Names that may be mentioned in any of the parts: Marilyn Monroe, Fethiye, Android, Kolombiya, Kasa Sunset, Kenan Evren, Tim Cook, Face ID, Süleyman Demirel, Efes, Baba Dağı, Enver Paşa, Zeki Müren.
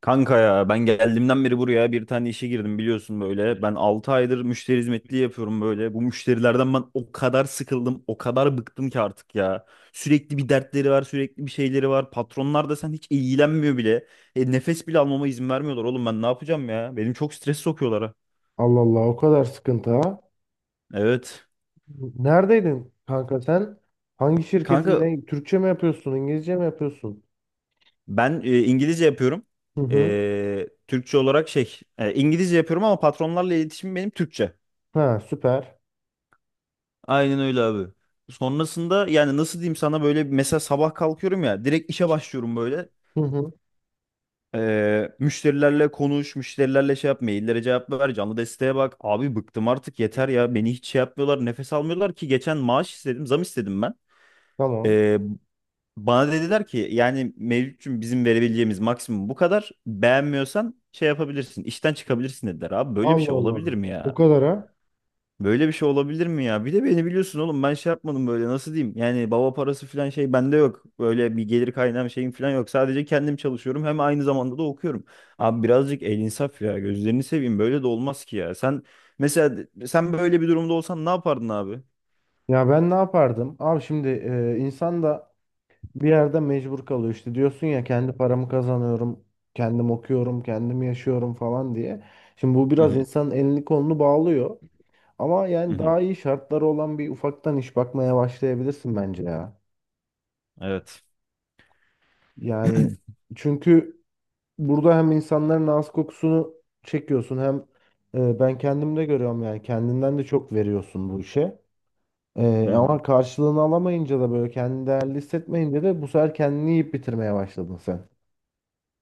Kanka ya ben geldiğimden beri buraya bir tane işe girdim biliyorsun böyle. Ben 6 aydır müşteri hizmetliği yapıyorum böyle. Bu müşterilerden ben o kadar sıkıldım, o kadar bıktım ki artık ya. Sürekli bir dertleri var, sürekli bir şeyleri var. Patronlar da sen hiç ilgilenmiyor bile. Nefes bile almama izin vermiyorlar oğlum, ben ne yapacağım ya? Benim çok stres sokuyorlar ha. Allah Allah o kadar sıkıntı ha. Evet. Neredeydin kanka sen? Hangi şirketin Kanka ne? Türkçe mi yapıyorsun? İngilizce mi yapıyorsun? ben İngilizce yapıyorum. Hı hı. Türkçe olarak şey, İngilizce yapıyorum ama patronlarla iletişim benim Türkçe. Ha süper. Aynen öyle abi. Sonrasında yani nasıl diyeyim sana, böyle mesela sabah kalkıyorum ya, direkt işe başlıyorum böyle. Hı hı. Müşterilerle konuş, müşterilerle şey yap, maillere cevap ver, canlı desteğe bak. Abi bıktım artık yeter ya. Beni hiç şey yapmıyorlar, nefes almıyorlar ki, geçen maaş istedim, zam istedim ben. Tamam. Ee, Bana dediler ki yani mevcutçum bizim verebileceğimiz maksimum bu kadar. Beğenmiyorsan şey yapabilirsin, işten çıkabilirsin dediler. Abi böyle bir Allah şey Allah. olabilir mi O ya? kadar ha. Böyle bir şey olabilir mi ya? Bir de beni biliyorsun oğlum, ben şey yapmadım böyle, nasıl diyeyim? Yani baba parası falan şey bende yok. Böyle bir gelir kaynağım, şeyim falan yok. Sadece kendim çalışıyorum hem aynı zamanda da okuyorum. Abi birazcık el insaf ya, gözlerini seveyim, böyle de olmaz ki ya. Mesela sen böyle bir durumda olsan ne yapardın abi? Ya ben ne yapardım? Abi şimdi, insan da bir yerde mecbur kalıyor işte. Diyorsun ya kendi paramı kazanıyorum. Kendim okuyorum. Kendim yaşıyorum falan diye. Şimdi bu Hı biraz hı, insanın elini kolunu bağlıyor. Ama hı yani hı. daha iyi şartları olan bir ufaktan iş bakmaya başlayabilirsin bence ya. Evet. Yani çünkü burada hem insanların ağız kokusunu çekiyorsun hem, ben kendim de görüyorum yani kendinden de çok veriyorsun bu işe. Ama karşılığını alamayınca da böyle kendini değerli hissetmeyince de bu sefer kendini yiyip bitirmeye başladın sen.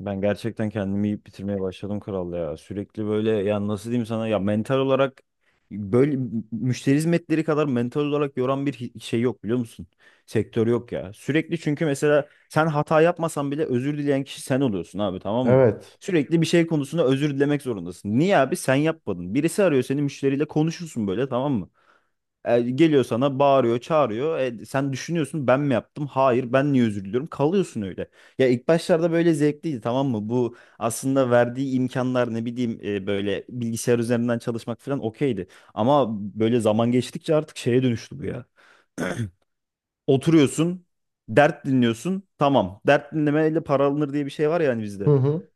Ben gerçekten kendimi yiyip bitirmeye başladım kral ya. Sürekli böyle ya, nasıl diyeyim sana ya, mental olarak böyle, müşteri hizmetleri kadar mental olarak yoran bir şey yok biliyor musun? Sektör yok ya. Sürekli, çünkü mesela sen hata yapmasan bile özür dileyen kişi sen oluyorsun abi, tamam mı? Evet. Sürekli bir şey konusunda özür dilemek zorundasın. Niye abi? Sen yapmadın. Birisi arıyor seni, müşteriyle konuşursun böyle tamam mı? Geliyor sana bağırıyor, çağırıyor. Sen düşünüyorsun ben mi yaptım? Hayır, ben niye özür diliyorum? Kalıyorsun öyle. Ya ilk başlarda böyle zevkliydi, tamam mı? Bu aslında verdiği imkanlar, ne bileyim böyle bilgisayar üzerinden çalışmak falan okeydi. Ama böyle zaman geçtikçe artık şeye dönüştü bu ya. Oturuyorsun, dert dinliyorsun. Tamam. Dert dinlemeyle para alınır diye bir şey var ya hani Hı bizde. hı.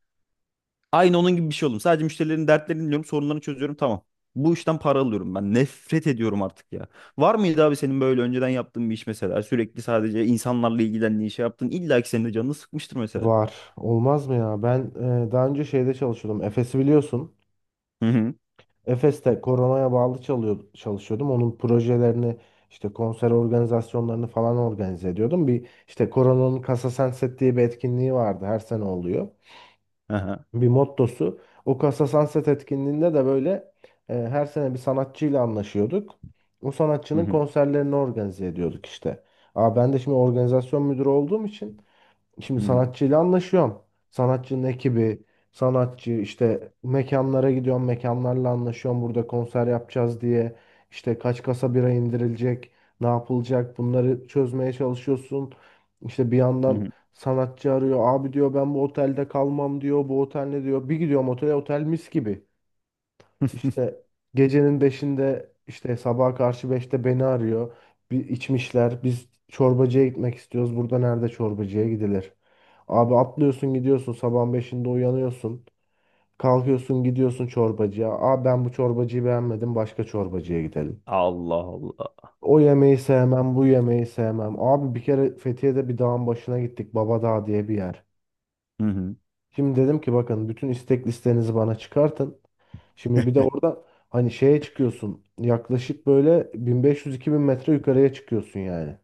Aynı onun gibi bir şey oldum. Sadece müşterilerin dertlerini dinliyorum, sorunlarını çözüyorum. Tamam. Bu işten para alıyorum ben. Nefret ediyorum artık ya. Var mıydı abi senin böyle önceden yaptığın bir iş mesela? Sürekli sadece insanlarla ilgilendiğin şey yaptın. İlla ki senin de canını sıkmıştır mesela. Var. Olmaz mı ya? Ben daha önce şeyde çalışıyordum. Efes'i biliyorsun. Hı hı. Efes'te koronaya bağlı çalışıyordum. Onun projelerini işte konser organizasyonlarını falan organize ediyordum. Bir işte koronanın Kasa Sunset diye bir etkinliği vardı. Her sene oluyor. Aha. Bir mottosu. O Kasa Sunset etkinliğinde de böyle, her sene bir sanatçıyla anlaşıyorduk. O Hı sanatçının hı. konserlerini organize ediyorduk işte. Aa, ben de şimdi organizasyon müdürü olduğum için şimdi Hı hı. sanatçıyla anlaşıyorum. Sanatçının ekibi, sanatçı işte mekanlara gidiyorum, mekanlarla anlaşıyorum. Burada konser yapacağız diye işte kaç kasa bira indirilecek, ne yapılacak bunları çözmeye çalışıyorsun. İşte bir Hı yandan hı. sanatçı arıyor. Abi diyor ben bu otelde kalmam diyor. Bu otel ne diyor? Bir gidiyorum otele, otel mis gibi. İşte gecenin beşinde, işte sabaha karşı beşte beni arıyor. Bir içmişler. Biz çorbacıya gitmek istiyoruz. Burada nerede çorbacıya gidilir? Abi atlıyorsun gidiyorsun sabahın beşinde uyanıyorsun. Kalkıyorsun gidiyorsun çorbacıya. Aa, ben bu çorbacıyı beğenmedim, başka çorbacıya gidelim. Allah Allah. O yemeği sevmem, bu yemeği sevmem. Abi bir kere Fethiye'de bir dağın başına gittik. Baba Dağı diye bir yer. Hı hı. Şimdi dedim ki bakın bütün istek listenizi bana çıkartın. Şimdi bir de orada hani şeye çıkıyorsun. Yaklaşık böyle 1500-2000 metre yukarıya çıkıyorsun yani.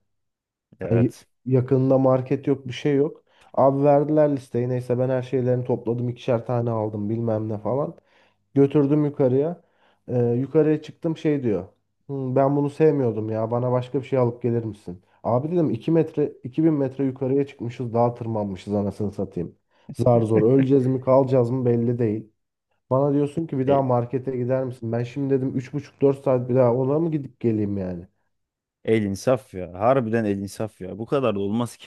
Hani Evet. yakınında market yok, bir şey yok. Abi verdiler listeyi. Neyse ben her şeylerini topladım. İkişer tane aldım bilmem ne falan. Götürdüm yukarıya. Yukarıya çıktım şey diyor. "Hmm, ben bunu sevmiyordum ya. Bana başka bir şey alıp gelir misin?" Abi dedim 2 metre 2000 metre yukarıya çıkmışız. Dağa tırmanmışız anasını satayım. Zar zor öleceğiz mi kalacağız mı belli değil. Bana diyorsun ki bir daha E, markete gider misin? Ben şimdi dedim üç buçuk dört saat bir daha ona mı gidip geleyim yani? El insaf ya. Harbiden el insaf ya. Bu kadar da olmaz ki.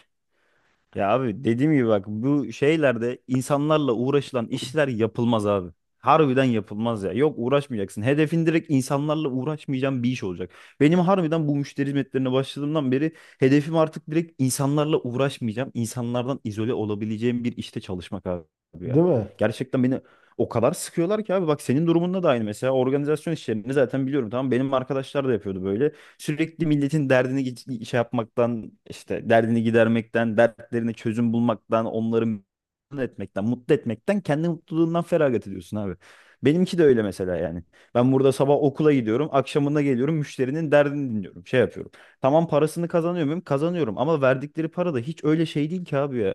Ya abi dediğim gibi bak, bu şeylerde insanlarla uğraşılan işler yapılmaz abi. Harbiden yapılmaz ya. Yok, uğraşmayacaksın. Hedefin direkt, insanlarla uğraşmayacağım bir iş olacak. Benim harbiden bu müşteri hizmetlerine başladığımdan beri hedefim artık, direkt insanlarla uğraşmayacağım. İnsanlardan izole olabileceğim bir işte çalışmak abi ya. Değil mi? Gerçekten beni o kadar sıkıyorlar ki abi bak, senin durumunda da aynı mesela, organizasyon işlerini zaten biliyorum, tamam, benim arkadaşlar da yapıyordu böyle. Sürekli milletin derdini şey yapmaktan, işte derdini gidermekten, dertlerine çözüm bulmaktan, onları memnun etmekten, mutlu etmekten kendi mutluluğundan feragat ediyorsun abi. Benimki de öyle mesela yani. Ben burada sabah okula gidiyorum, akşamında geliyorum, müşterinin derdini dinliyorum, şey yapıyorum. Tamam, parasını kazanıyor muyum? Kazanıyorum, ama verdikleri para da hiç öyle şey değil ki abi ya.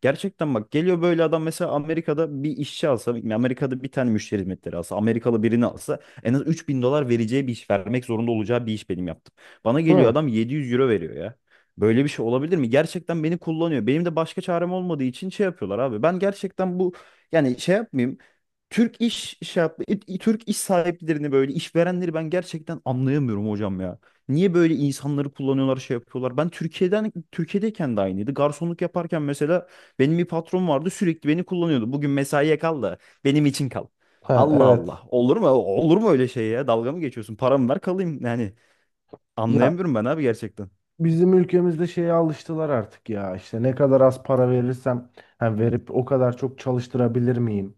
Gerçekten bak, geliyor böyle adam, mesela Amerika'da bir işçi alsa, Amerika'da bir tane müşteri hizmetleri alsa, Amerikalı birini alsa en az 3.000 dolar vereceği bir iş, vermek zorunda olacağı bir iş benim yaptım. Bana Değil geliyor mi? adam 700 euro veriyor ya. Böyle bir şey olabilir mi? Gerçekten beni kullanıyor. Benim de başka çarem olmadığı için şey yapıyorlar abi. Ben gerçekten bu, yani şey yapmayayım. Türk iş şey yap- i- Türk iş sahiplerini, böyle işverenleri ben gerçekten anlayamıyorum hocam ya. Niye böyle insanları kullanıyorlar, şey yapıyorlar? Ben Türkiye'den, Türkiye'deyken de aynıydı. Garsonluk yaparken mesela benim bir patron vardı, sürekli beni kullanıyordu. Bugün mesaiye kal da benim için kal. Ha, Allah evet. Allah. Olur mu? Olur mu öyle şey ya? Dalga mı geçiyorsun? Paramı ver kalayım. Yani Ya anlayamıyorum ben abi gerçekten. bizim ülkemizde şeye alıştılar artık ya. İşte ne kadar az para verirsem, ha, verip o kadar çok çalıştırabilir miyim?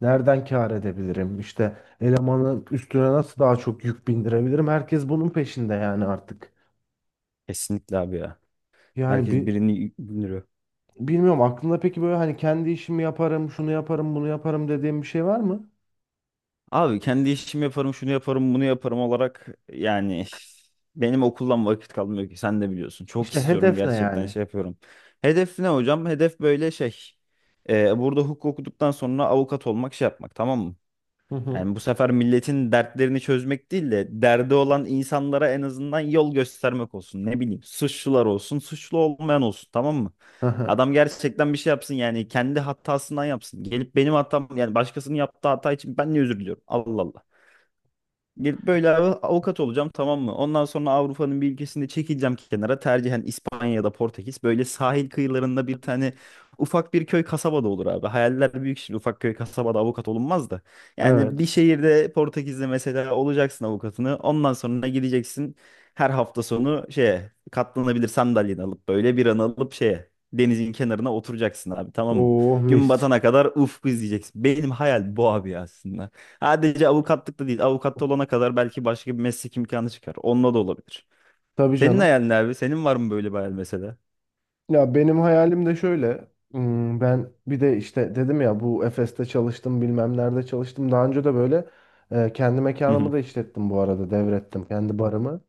Nereden kâr edebilirim? İşte elemanın üstüne nasıl daha çok yük bindirebilirim? Herkes bunun peşinde yani artık. Kesinlikle abi ya. Yani Herkes bir birini yürüyor. bilmiyorum, aklında peki böyle hani kendi işimi yaparım, şunu yaparım, bunu yaparım dediğim bir şey var mı? Abi kendi işimi yaparım, şunu yaparım, bunu yaparım olarak, yani benim okuldan vakit kalmıyor ki, sen de biliyorsun. Çok İşte istiyorum hedef ne gerçekten, yani? şey yapıyorum. Hedef ne hocam? Hedef böyle şey. Burada hukuk okuduktan sonra avukat olmak, şey yapmak, tamam mı? Hı hı. Yani bu sefer milletin dertlerini çözmek değil de derdi olan insanlara en azından yol göstermek olsun. Ne bileyim, suçlular olsun, suçlu olmayan olsun, tamam mı? Aha, Adam gerçekten bir şey yapsın, yani kendi hatasından yapsın. Gelip benim hatam, yani başkasının yaptığı hata için ben niye özür diliyorum? Allah Allah. Gelip böyle avukat olacağım, tamam mı? Ondan sonra Avrupa'nın bir ülkesinde çekileceğim kenara. Tercihen İspanya'da, Portekiz. Böyle sahil kıyılarında bir tane ufak bir köy kasabada olur abi. Hayaller büyük, şimdi ufak köy kasabada avukat olunmaz da. Yani bir evet. şehirde, Portekiz'de mesela olacaksın avukatını. Ondan sonra gideceksin her hafta sonu şeye, katlanabilir sandalyeni alıp böyle bir an alıp şeye, denizin kenarına oturacaksın abi, tamam mı? Oh Gün mis. batana kadar ufku izleyeceksin. Benim hayal bu abi aslında. Sadece avukatlık da değil. Avukat olana kadar belki başka bir meslek imkanı çıkar. Onunla da olabilir. Tabii Senin canım. hayalin ne abi? Senin var mı böyle bir hayal mesela? Ya benim hayalim de şöyle. Hmm, ben bir de işte dedim ya, bu Efes'te çalıştım bilmem nerede çalıştım. Daha önce de böyle, kendi Hı mekanımı hı. da işlettim, bu arada devrettim kendi barımı.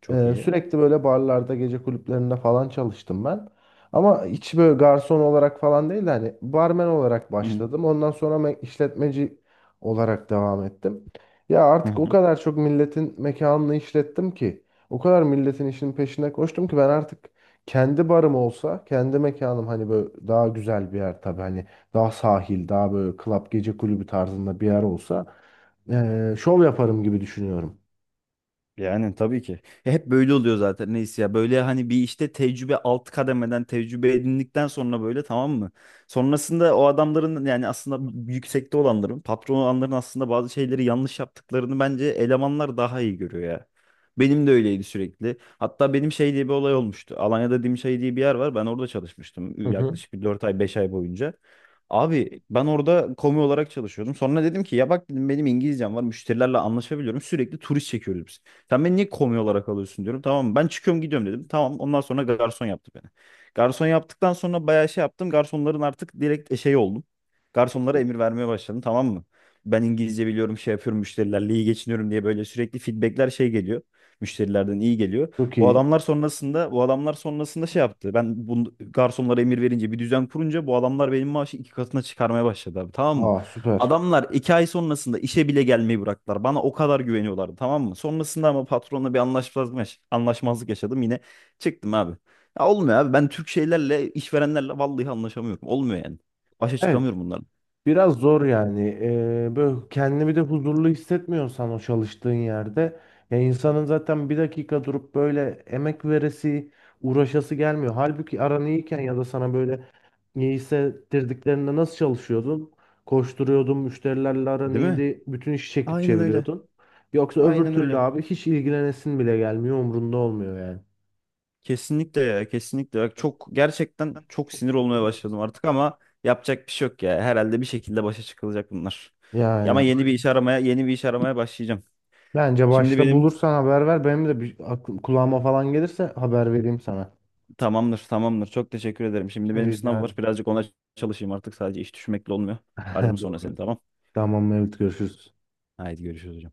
Çok iyi. Sürekli böyle barlarda, gece kulüplerinde falan çalıştım ben. Ama hiç böyle garson olarak falan değil de hani barmen olarak Hı başladım. Ondan sonra işletmeci olarak devam ettim. Ya artık o hı. kadar çok milletin mekanını işlettim ki, o kadar milletin işinin peşine koştum ki, ben artık kendi barım olsa, kendi mekanım hani böyle daha güzel bir yer, tabii hani daha sahil, daha böyle club gece kulübü tarzında bir yer olsa, şov yaparım gibi düşünüyorum. Yani tabii ki. Ya hep böyle oluyor zaten neyse ya. Böyle hani bir işte tecrübe, alt kademeden tecrübe edindikten sonra böyle, tamam mı? Sonrasında o adamların, yani aslında yüksekte olanların, patron olanların aslında bazı şeyleri yanlış yaptıklarını bence elemanlar daha iyi görüyor ya. Benim de öyleydi sürekli. Hatta benim şey diye bir olay olmuştu. Alanya'da Dimşay diye bir yer var. Ben orada Hı çalışmıştım hı. yaklaşık bir 4 ay 5 ay boyunca. Abi ben orada komi olarak çalışıyordum. Sonra dedim ki ya bak dedim, benim İngilizcem var. Müşterilerle anlaşabiliyorum. Sürekli turist çekiyoruz biz. Sen beni niye komi olarak alıyorsun diyorum. Tamam ben çıkıyorum gidiyorum dedim. Tamam, ondan sonra garson yaptı beni. Garson yaptıktan sonra bayağı şey yaptım. Garsonların artık direkt şey oldum. Garsonlara emir vermeye başladım, tamam mı? Ben İngilizce biliyorum, şey yapıyorum, müşterilerle iyi geçiniyorum diye böyle sürekli feedbackler şey geliyor. Müşterilerden iyi geliyor. Çok iyi. Bu adamlar sonrasında şey yaptı. Ben bu garsonlara emir verince, bir düzen kurunca bu adamlar benim maaşı iki katına çıkarmaya başladı abi, tamam mı? Aa süper. Adamlar 2 ay sonrasında işe bile gelmeyi bıraktılar. Bana o kadar güveniyorlardı, tamam mı? Sonrasında ama patronla bir anlaşmazlık yaşadım yine, çıktım abi. Ya olmuyor abi, ben Türk şeylerle, işverenlerle vallahi anlaşamıyorum. Olmuyor yani. Başa Evet, çıkamıyorum bunların. biraz zor yani. Böyle kendini bir de huzurlu hissetmiyorsan o çalıştığın yerde, ya insanın zaten bir dakika durup böyle emek veresi, uğraşası gelmiyor. Halbuki aran iyiyken ya da sana böyle iyi hissettirdiklerinde nasıl çalışıyordun? Koşturuyordun, müşterilerle aran Değil mi? iyiydi, bütün işi çekip Aynen öyle. çeviriyordun. Yoksa öbür Aynen türlü öyle. abi hiç ilgilenesin bile gelmiyor, umrunda olmuyor yani. Kesinlikle ya, kesinlikle. Bak çok, gerçekten çok sinir olmaya başladım artık ama yapacak bir şey yok ya. Herhalde bir şekilde başa çıkılacak bunlar. Ya Yani, ama yeni bir iş aramaya başlayacağım. bence Şimdi başta benim, bulursan haber ver. Benim de bir aklım, kulağıma falan gelirse haber vereyim sana. tamamdır, tamamdır. Çok teşekkür ederim. Şimdi Rica benim sınav var. ederim. Birazcık ona çalışayım artık. Sadece iş düşmekle olmuyor. Ararım sonra seni, Doğru. tamam? Tamam, evet, görüşürüz. Haydi görüşürüz hocam.